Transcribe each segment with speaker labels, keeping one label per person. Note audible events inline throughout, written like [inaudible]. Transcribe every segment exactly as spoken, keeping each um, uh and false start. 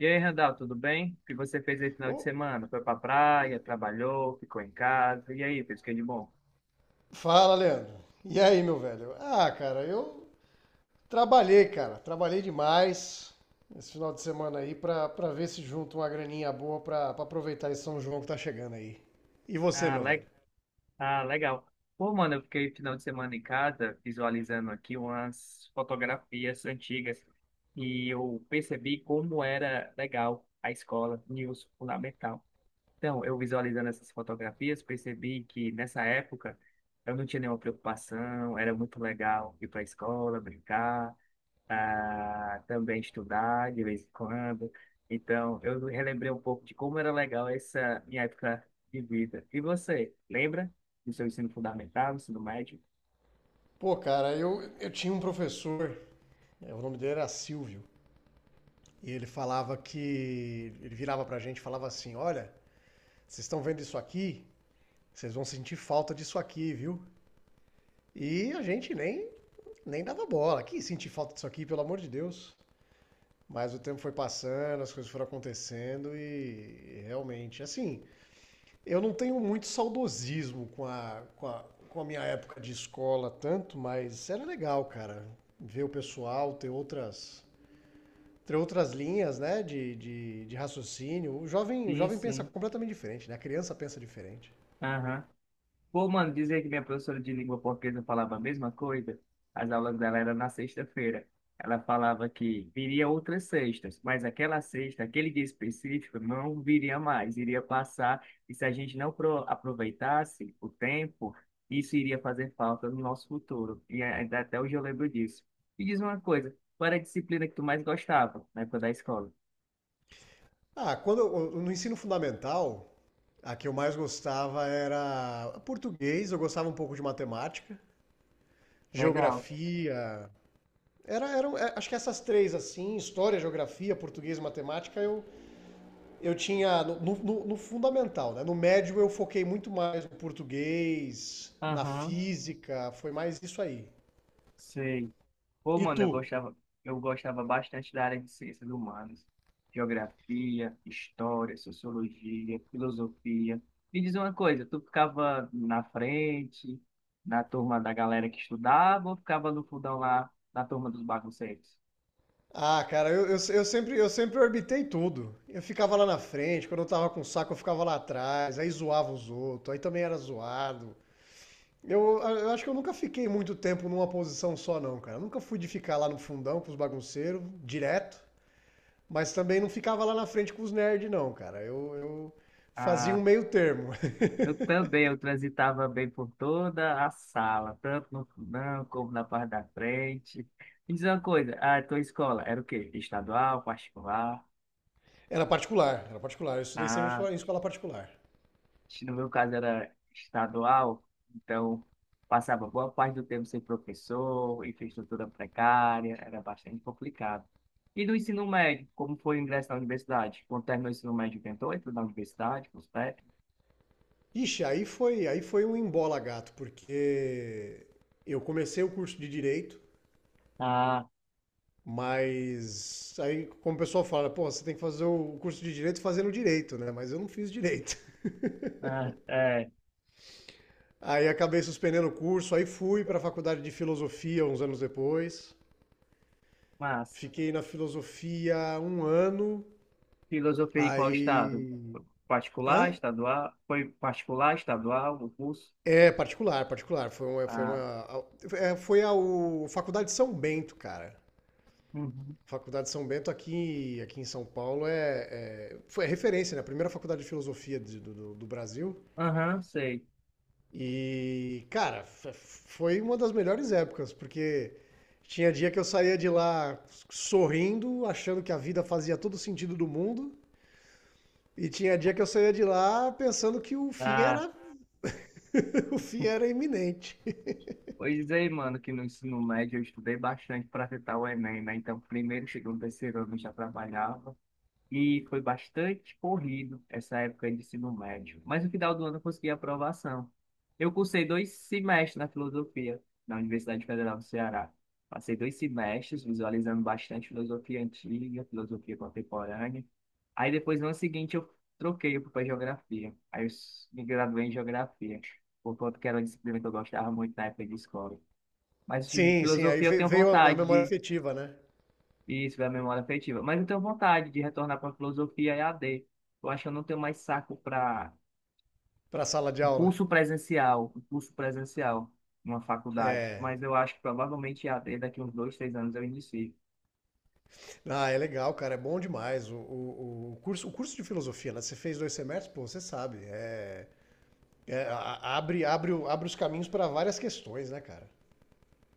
Speaker 1: E aí, Randall, tudo bem? O que você fez aí no final de
Speaker 2: Ô,
Speaker 1: semana? Foi pra praia, trabalhou, ficou em casa. E aí, fez o que de bom?
Speaker 2: fala, Leandro. E aí, meu velho? Ah, cara, eu trabalhei, cara. Trabalhei demais esse final de semana aí pra, pra ver se junto uma graninha boa pra, pra aproveitar esse São João que tá chegando aí. E você,
Speaker 1: Ah,
Speaker 2: meu velho?
Speaker 1: le... ah, legal. Pô, mano, eu fiquei final de semana em casa visualizando aqui umas fotografias antigas e eu percebi como era legal a escola, e o fundamental. Então, eu visualizando essas fotografias, percebi que nessa época eu não tinha nenhuma preocupação, era muito legal ir para a escola, brincar. A também estudar de vez em quando. Então, eu relembrei um pouco de como era legal essa minha época de vida. E você, lembra do seu ensino fundamental, ensino médio?
Speaker 2: Pô, cara, eu, eu tinha um professor, é, o nome dele era Silvio, e ele falava que. ele virava pra gente e falava assim: olha, vocês estão vendo isso aqui? Vocês vão sentir falta disso aqui, viu? E a gente nem, nem dava bola. Que sentir falta disso aqui, pelo amor de Deus. Mas o tempo foi passando, as coisas foram acontecendo e realmente, assim, eu não tenho muito saudosismo com a, com a, com a minha época de escola tanto, mas era legal, cara, ver o pessoal, ter outras, ter outras linhas, né, de, de, de raciocínio. O jovem, o
Speaker 1: Sim,
Speaker 2: jovem pensa
Speaker 1: sim.
Speaker 2: completamente diferente, né? A criança pensa diferente.
Speaker 1: Aham. Pô, mano, dizer que minha professora de língua portuguesa falava a mesma coisa, as aulas dela eram na sexta-feira. Ela falava que viria outras sextas, mas aquela sexta, aquele dia específico, não viria mais, iria passar, e se a gente não pro- aproveitasse o tempo, isso iria fazer falta no nosso futuro. E ainda até hoje eu lembro disso. E diz uma coisa, qual era a disciplina que tu mais gostava na época da escola?
Speaker 2: Ah, quando eu- no ensino fundamental, a que eu mais gostava era português, eu gostava um pouco de matemática,
Speaker 1: Legal.
Speaker 2: geografia. Era, eram, é, acho que essas três, assim, história, geografia, português e matemática, eu, eu tinha no, no- no fundamental, né? No médio eu foquei muito mais no português, na
Speaker 1: Aham,
Speaker 2: física, foi mais isso aí.
Speaker 1: sei. Pô,
Speaker 2: E
Speaker 1: mano,
Speaker 2: tu?
Speaker 1: eu gostava, eu gostava bastante da área de ciências humanas, geografia, história, sociologia, filosofia. Me diz uma coisa, tu ficava na frente, na turma da galera que estudava, ou ficava no fundão lá, na turma dos bagunceiros?
Speaker 2: Ah, cara, eu, eu, eu sempre, eu sempre orbitei tudo. Eu ficava lá na frente, quando eu tava com saco, eu ficava lá atrás, aí zoava os outros, aí também era zoado. Eu, eu acho que eu nunca fiquei muito tempo numa posição só, não, cara. Eu nunca fui de ficar lá no fundão com os bagunceiros, direto. Mas também não ficava lá na frente com os nerds, não, cara. Eu, eu fazia um
Speaker 1: Ah,
Speaker 2: meio termo. [laughs]
Speaker 1: eu também, eu transitava bem por toda a sala, tanto no fundão como na parte da frente. Me diz uma coisa, a tua escola era o quê? Estadual, particular?
Speaker 2: Era particular, era particular. Eu estudei sempre
Speaker 1: Ah.
Speaker 2: em escola- particular.
Speaker 1: No meu caso era estadual, então passava boa parte do tempo sem professor, infraestrutura precária, era bastante complicado. E do ensino médio, como foi o ingresso na universidade? Quando terminou o ensino médio, tentou entrar na universidade, com os técnicos?
Speaker 2: Ixi, aí foi, aí foi um embola gato, porque eu comecei o curso de direito,
Speaker 1: Ah,
Speaker 2: mas aí como o pessoal fala, pô, você tem que fazer o curso de direito fazendo direito, né? Mas eu não fiz direito. [laughs]
Speaker 1: ah, é,
Speaker 2: Aí acabei suspendendo o curso, aí fui para a faculdade de filosofia uns anos depois.
Speaker 1: mas
Speaker 2: Fiquei na filosofia um ano,
Speaker 1: filosofia em qual estado?
Speaker 2: aí
Speaker 1: Particular,
Speaker 2: hã?
Speaker 1: estadual? Foi particular, estadual, o curso?
Speaker 2: É, particular, particular. Foi uma, foi
Speaker 1: Ah,
Speaker 2: uma, é, foi a o- Faculdade de São Bento, cara.
Speaker 1: uhum,
Speaker 2: Faculdade de São Bento aqui, aqui em São Paulo é, é- foi a referência, né? A primeira faculdade de filosofia de- do, do- do Brasil.
Speaker 1: aham, sei.
Speaker 2: E, cara, f- foi uma das melhores épocas, porque tinha dia que eu saía de lá sorrindo, achando que a vida fazia todo o sentido do mundo, e tinha dia que eu saía de lá pensando que o fim
Speaker 1: Ah,
Speaker 2: era, [laughs] o fim era iminente.
Speaker 1: pois é, mano, que no ensino médio eu estudei bastante para tentar o Enem, né? Então, primeiro, segundo, terceiro ano eu já trabalhava. E foi bastante corrido essa época de ensino médio. Mas no final do ano eu consegui a aprovação. Eu cursei dois semestres na filosofia, na Universidade Federal do Ceará. Passei dois semestres visualizando bastante filosofia antiga, filosofia contemporânea. Aí depois, no ano seguinte, eu troquei para geografia. Aí eu s- me graduei em geografia, por conta que era uma disciplina que eu gostava muito na época de escola. Mas de
Speaker 2: Sim, sim, aí
Speaker 1: filosofia eu
Speaker 2: ve-
Speaker 1: tenho
Speaker 2: veio a memória
Speaker 1: vontade.
Speaker 2: afetiva, né?
Speaker 1: Isso, da memória afetiva. Mas eu tenho vontade de retornar para a filosofia E A D. Eu acho que eu não tenho mais saco para
Speaker 2: Pra sala de
Speaker 1: um
Speaker 2: aula.
Speaker 1: curso presencial, um curso presencial numa faculdade.
Speaker 2: É.
Speaker 1: Mas eu acho que provavelmente E A D daqui uns dois, três anos eu inicio.
Speaker 2: Ah, é legal, cara, é bom demais. O, o, o curso, o curso de filosofia, né? Você fez dois semestres, pô, você sabe. É, é, a- a- abre, abre, o- abre os caminhos para várias questões, né, cara?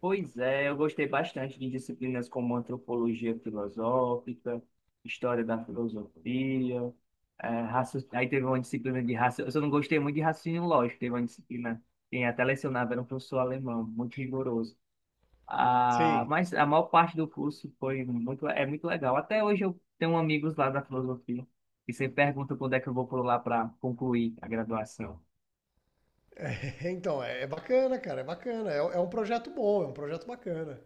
Speaker 1: Pois é, eu gostei bastante de disciplinas como antropologia filosófica, história da filosofia, é, raci- aí teve uma disciplina de raciocínio. Eu só não gostei muito de raciocínio lógico, teve uma disciplina. Quem até lecionava era um professor alemão, muito rigoroso. Ah,
Speaker 2: Sim.
Speaker 1: mas a maior parte do curso foi muito, é muito legal. Até hoje eu tenho amigos lá da filosofia que sempre perguntam quando é que eu vou por lá para concluir a graduação.
Speaker 2: [laughs] Então, é, é bacana, cara, é bacana. É, é um projeto bom, é um projeto bacana.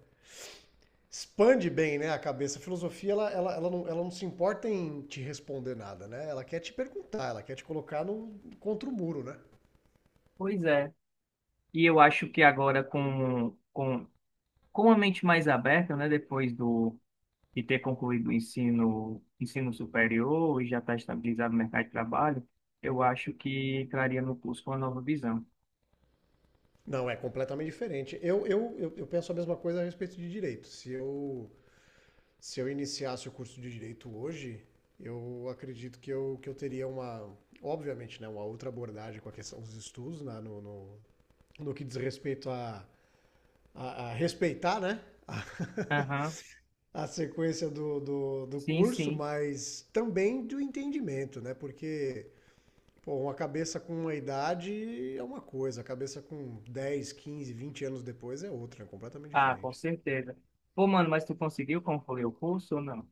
Speaker 2: Expande bem, né, a cabeça. A filosofia, ela, ela, ela, não, ela não se importa em te responder nada, né? Ela quer te perguntar, ela quer te colocar no, contra o muro, né?
Speaker 1: Pois é. E eu acho que agora com, com, com a mente mais aberta, né, depois do, de ter concluído o ensino, ensino superior e já estar estabilizado no mercado de trabalho, eu acho que traria no curso uma nova visão.
Speaker 2: Não, é completamente diferente. Eu, eu, eu, eu penso a mesma coisa a respeito de direito. Se eu, se eu iniciasse o curso de direito hoje, eu acredito que eu, que eu teria uma, obviamente, né, uma outra abordagem com a questão dos estudos, né, no, no, no que diz respeito a, a, a respeitar, né, a,
Speaker 1: Aham,
Speaker 2: a sequência do, do, do
Speaker 1: sim,
Speaker 2: curso,
Speaker 1: sim.
Speaker 2: mas também do entendimento, né? Porque, pô, uma cabeça com uma idade é uma coisa, a cabeça com dez, quinze, vinte anos depois é outra, é completamente
Speaker 1: Ah, com
Speaker 2: diferente.
Speaker 1: certeza. Pô, mano, mas tu conseguiu concluir o curso ou não?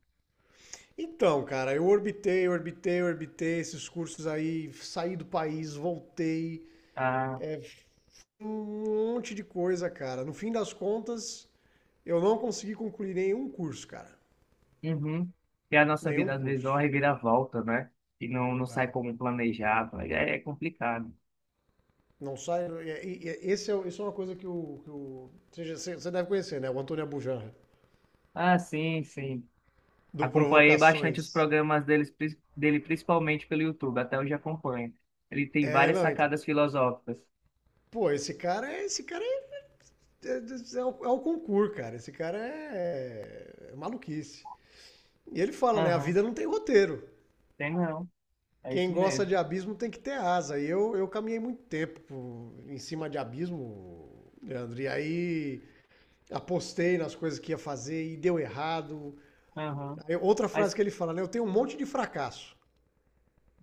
Speaker 2: Então, cara, eu orbitei, orbitei, orbitei esses cursos aí, saí do país, voltei,
Speaker 1: Ah,
Speaker 2: um um monte de coisa, cara. No fim das contas, eu não consegui concluir nenhum curso, cara.
Speaker 1: uhum. E a nossa
Speaker 2: Nenhum
Speaker 1: vida às vezes dá
Speaker 2: curso.
Speaker 1: uma reviravolta, né? E não, não sai
Speaker 2: É.
Speaker 1: como planejado. Aí É, é complicado.
Speaker 2: Não sai. E- e- e- Esse é, isso é uma coisa que o. que o- você, já- você- você deve conhecer, né? O Antônio Abujamra,
Speaker 1: Ah, sim, sim.
Speaker 2: do
Speaker 1: Acompanhei bastante os
Speaker 2: Provocações.
Speaker 1: programas deles, pris- dele, principalmente pelo YouTube, até hoje acompanho. Ele tem
Speaker 2: É,
Speaker 1: várias
Speaker 2: não, então.
Speaker 1: sacadas filosóficas.
Speaker 2: Pô, esse cara é. Esse cara é. É, é, o, É o concurso, cara. Esse cara é, é maluquice. E ele fala, né? A
Speaker 1: Aham,
Speaker 2: vida não tem roteiro.
Speaker 1: tem não. É
Speaker 2: Quem
Speaker 1: isso
Speaker 2: gosta de
Speaker 1: mesmo.
Speaker 2: abismo tem que ter asa. E eu, eu caminhei muito tempo por- em cima de abismo, Leandro. E aí apostei nas coisas que ia fazer e deu errado.
Speaker 1: Aham.
Speaker 2: Aí outra frase
Speaker 1: Mas,
Speaker 2: que ele fala, né? Eu tenho um monte de fracasso.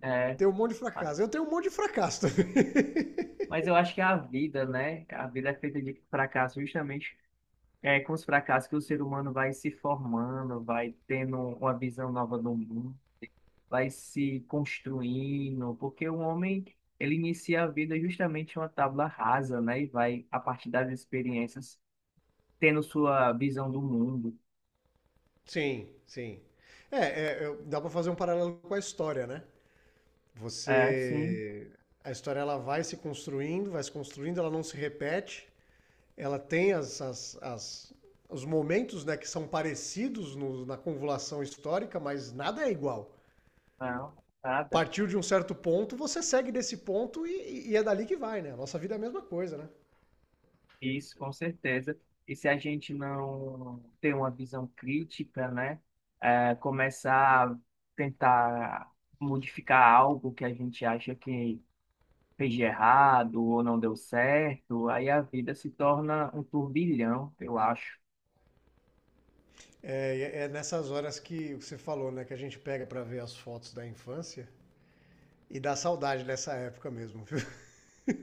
Speaker 1: é,
Speaker 2: Tenho um monte de
Speaker 1: ah,
Speaker 2: fracasso. Eu tenho um monte de fracasso também.
Speaker 1: mas eu acho que a vida, né? A vida é feita de fracasso, justamente. É com os fracassos que o ser humano vai se formando, vai tendo uma visão nova do mundo. Vai se construindo, porque o homem, ele inicia a vida justamente uma tábua rasa, né? E vai, a partir das experiências, tendo sua visão do mundo.
Speaker 2: [laughs] Sim, sim. É, é, eu- Dá pra fazer um paralelo com a história, né?
Speaker 1: É, sim,
Speaker 2: Você. A história, ela vai se construindo, vai se construindo, ela não se repete. Ela tem as, as, as- os momentos, né, que são parecidos no- na convolução histórica, mas nada é igual.
Speaker 1: não, nada.
Speaker 2: Partiu de um certo ponto, você segue desse ponto e, e é dali que vai, né? A nossa vida é a mesma coisa, né?
Speaker 1: Isso, com certeza. E se a gente não ter uma visão crítica, né? É, começar a tentar modificar algo que a gente acha que fez de errado ou não deu certo, aí a vida se torna um turbilhão, eu acho.
Speaker 2: É, é nessas horas que você falou, né? Que a gente pega para ver as fotos da infância e dá saudade dessa época mesmo, viu?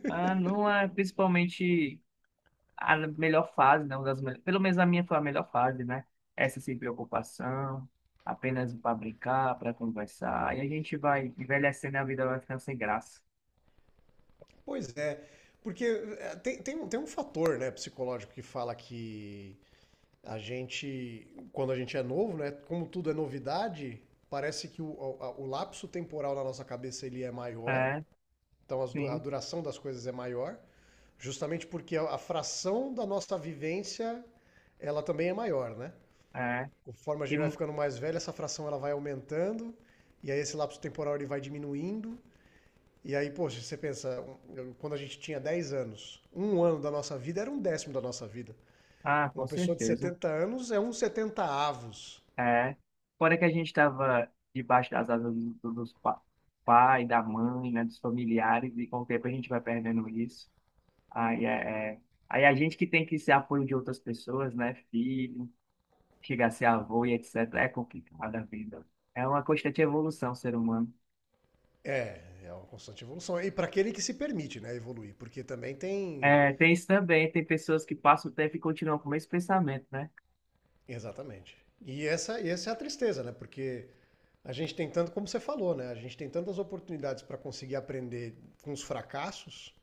Speaker 1: Ah, não é principalmente a melhor fase, né? Uma das mel- Pelo menos a minha foi a melhor fase, né? Essa sem preocupação, apenas para brincar, para conversar. E a gente vai envelhecendo e a vida vai ficando sem graça.
Speaker 2: Pois é, porque é, tem, tem, um- tem um fator, né, psicológico, que fala que a gente, quando a gente é novo, né, como tudo é novidade, parece que o, a- o lapso temporal na nossa cabeça ele é maior,
Speaker 1: É,
Speaker 2: então as a
Speaker 1: sim,
Speaker 2: duração das coisas é maior, justamente porque a, a fração da nossa vivência ela também é maior, né?
Speaker 1: é.
Speaker 2: Conforme a
Speaker 1: E,
Speaker 2: gente vai
Speaker 1: mu-
Speaker 2: ficando mais velho, essa fração ela vai aumentando e aí esse lapso temporal ele vai diminuindo. E aí, poxa, você pensa, um, quando a gente tinha dez anos, um ano da nossa vida era um décimo da nossa vida.
Speaker 1: ah, com
Speaker 2: Uma pessoa de
Speaker 1: certeza.
Speaker 2: setenta anos é um setenta avos.
Speaker 1: É. Fora que a gente estava debaixo das asas do- do- dos pa pai, da mãe, né? Dos familiares, e com o tempo a gente vai perdendo isso. Aí é, é. Aí a gente que tem que ser apoio de outras pessoas, né? Filho. Chegar a ser avô e etcétera. É complicado a vida. É uma constante evolução, ser humano.
Speaker 2: É, é uma constante evolução. E para aquele que se permite, né, evoluir, porque também tem.
Speaker 1: É, tem isso também, tem pessoas que passam o tempo e continuam com o mesmo pensamento, né?
Speaker 2: Exatamente. E essa, e essa é a tristeza, né? Porque a gente tem tanto, como você falou, né? A gente tem tantas oportunidades para conseguir aprender com os fracassos,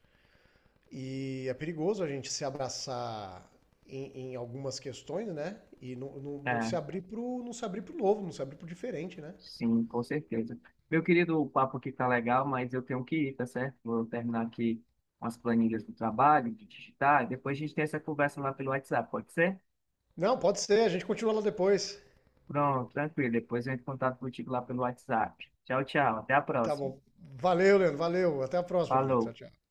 Speaker 2: e é perigoso a gente se abraçar em, em algumas questões, né? E não, não, não se
Speaker 1: É,
Speaker 2: abrir pro, não se abrir pro novo, não se abrir pro diferente, né?
Speaker 1: sim, com certeza. Meu querido, o papo aqui tá legal, mas eu tenho que ir, tá certo? Vou terminar aqui umas planilhas do trabalho, de digitar, e depois a gente tem essa conversa lá pelo WhatsApp, pode ser?
Speaker 2: Não, pode ser, a gente continua lá depois.
Speaker 1: Pronto, tranquilo. Depois eu entro em contato contigo lá pelo WhatsApp. Tchau, tchau. Até a
Speaker 2: Tá
Speaker 1: próxima.
Speaker 2: bom. Valeu, Leandro, valeu. Até a próxima, querido.
Speaker 1: Falou.
Speaker 2: Tchau, tchau.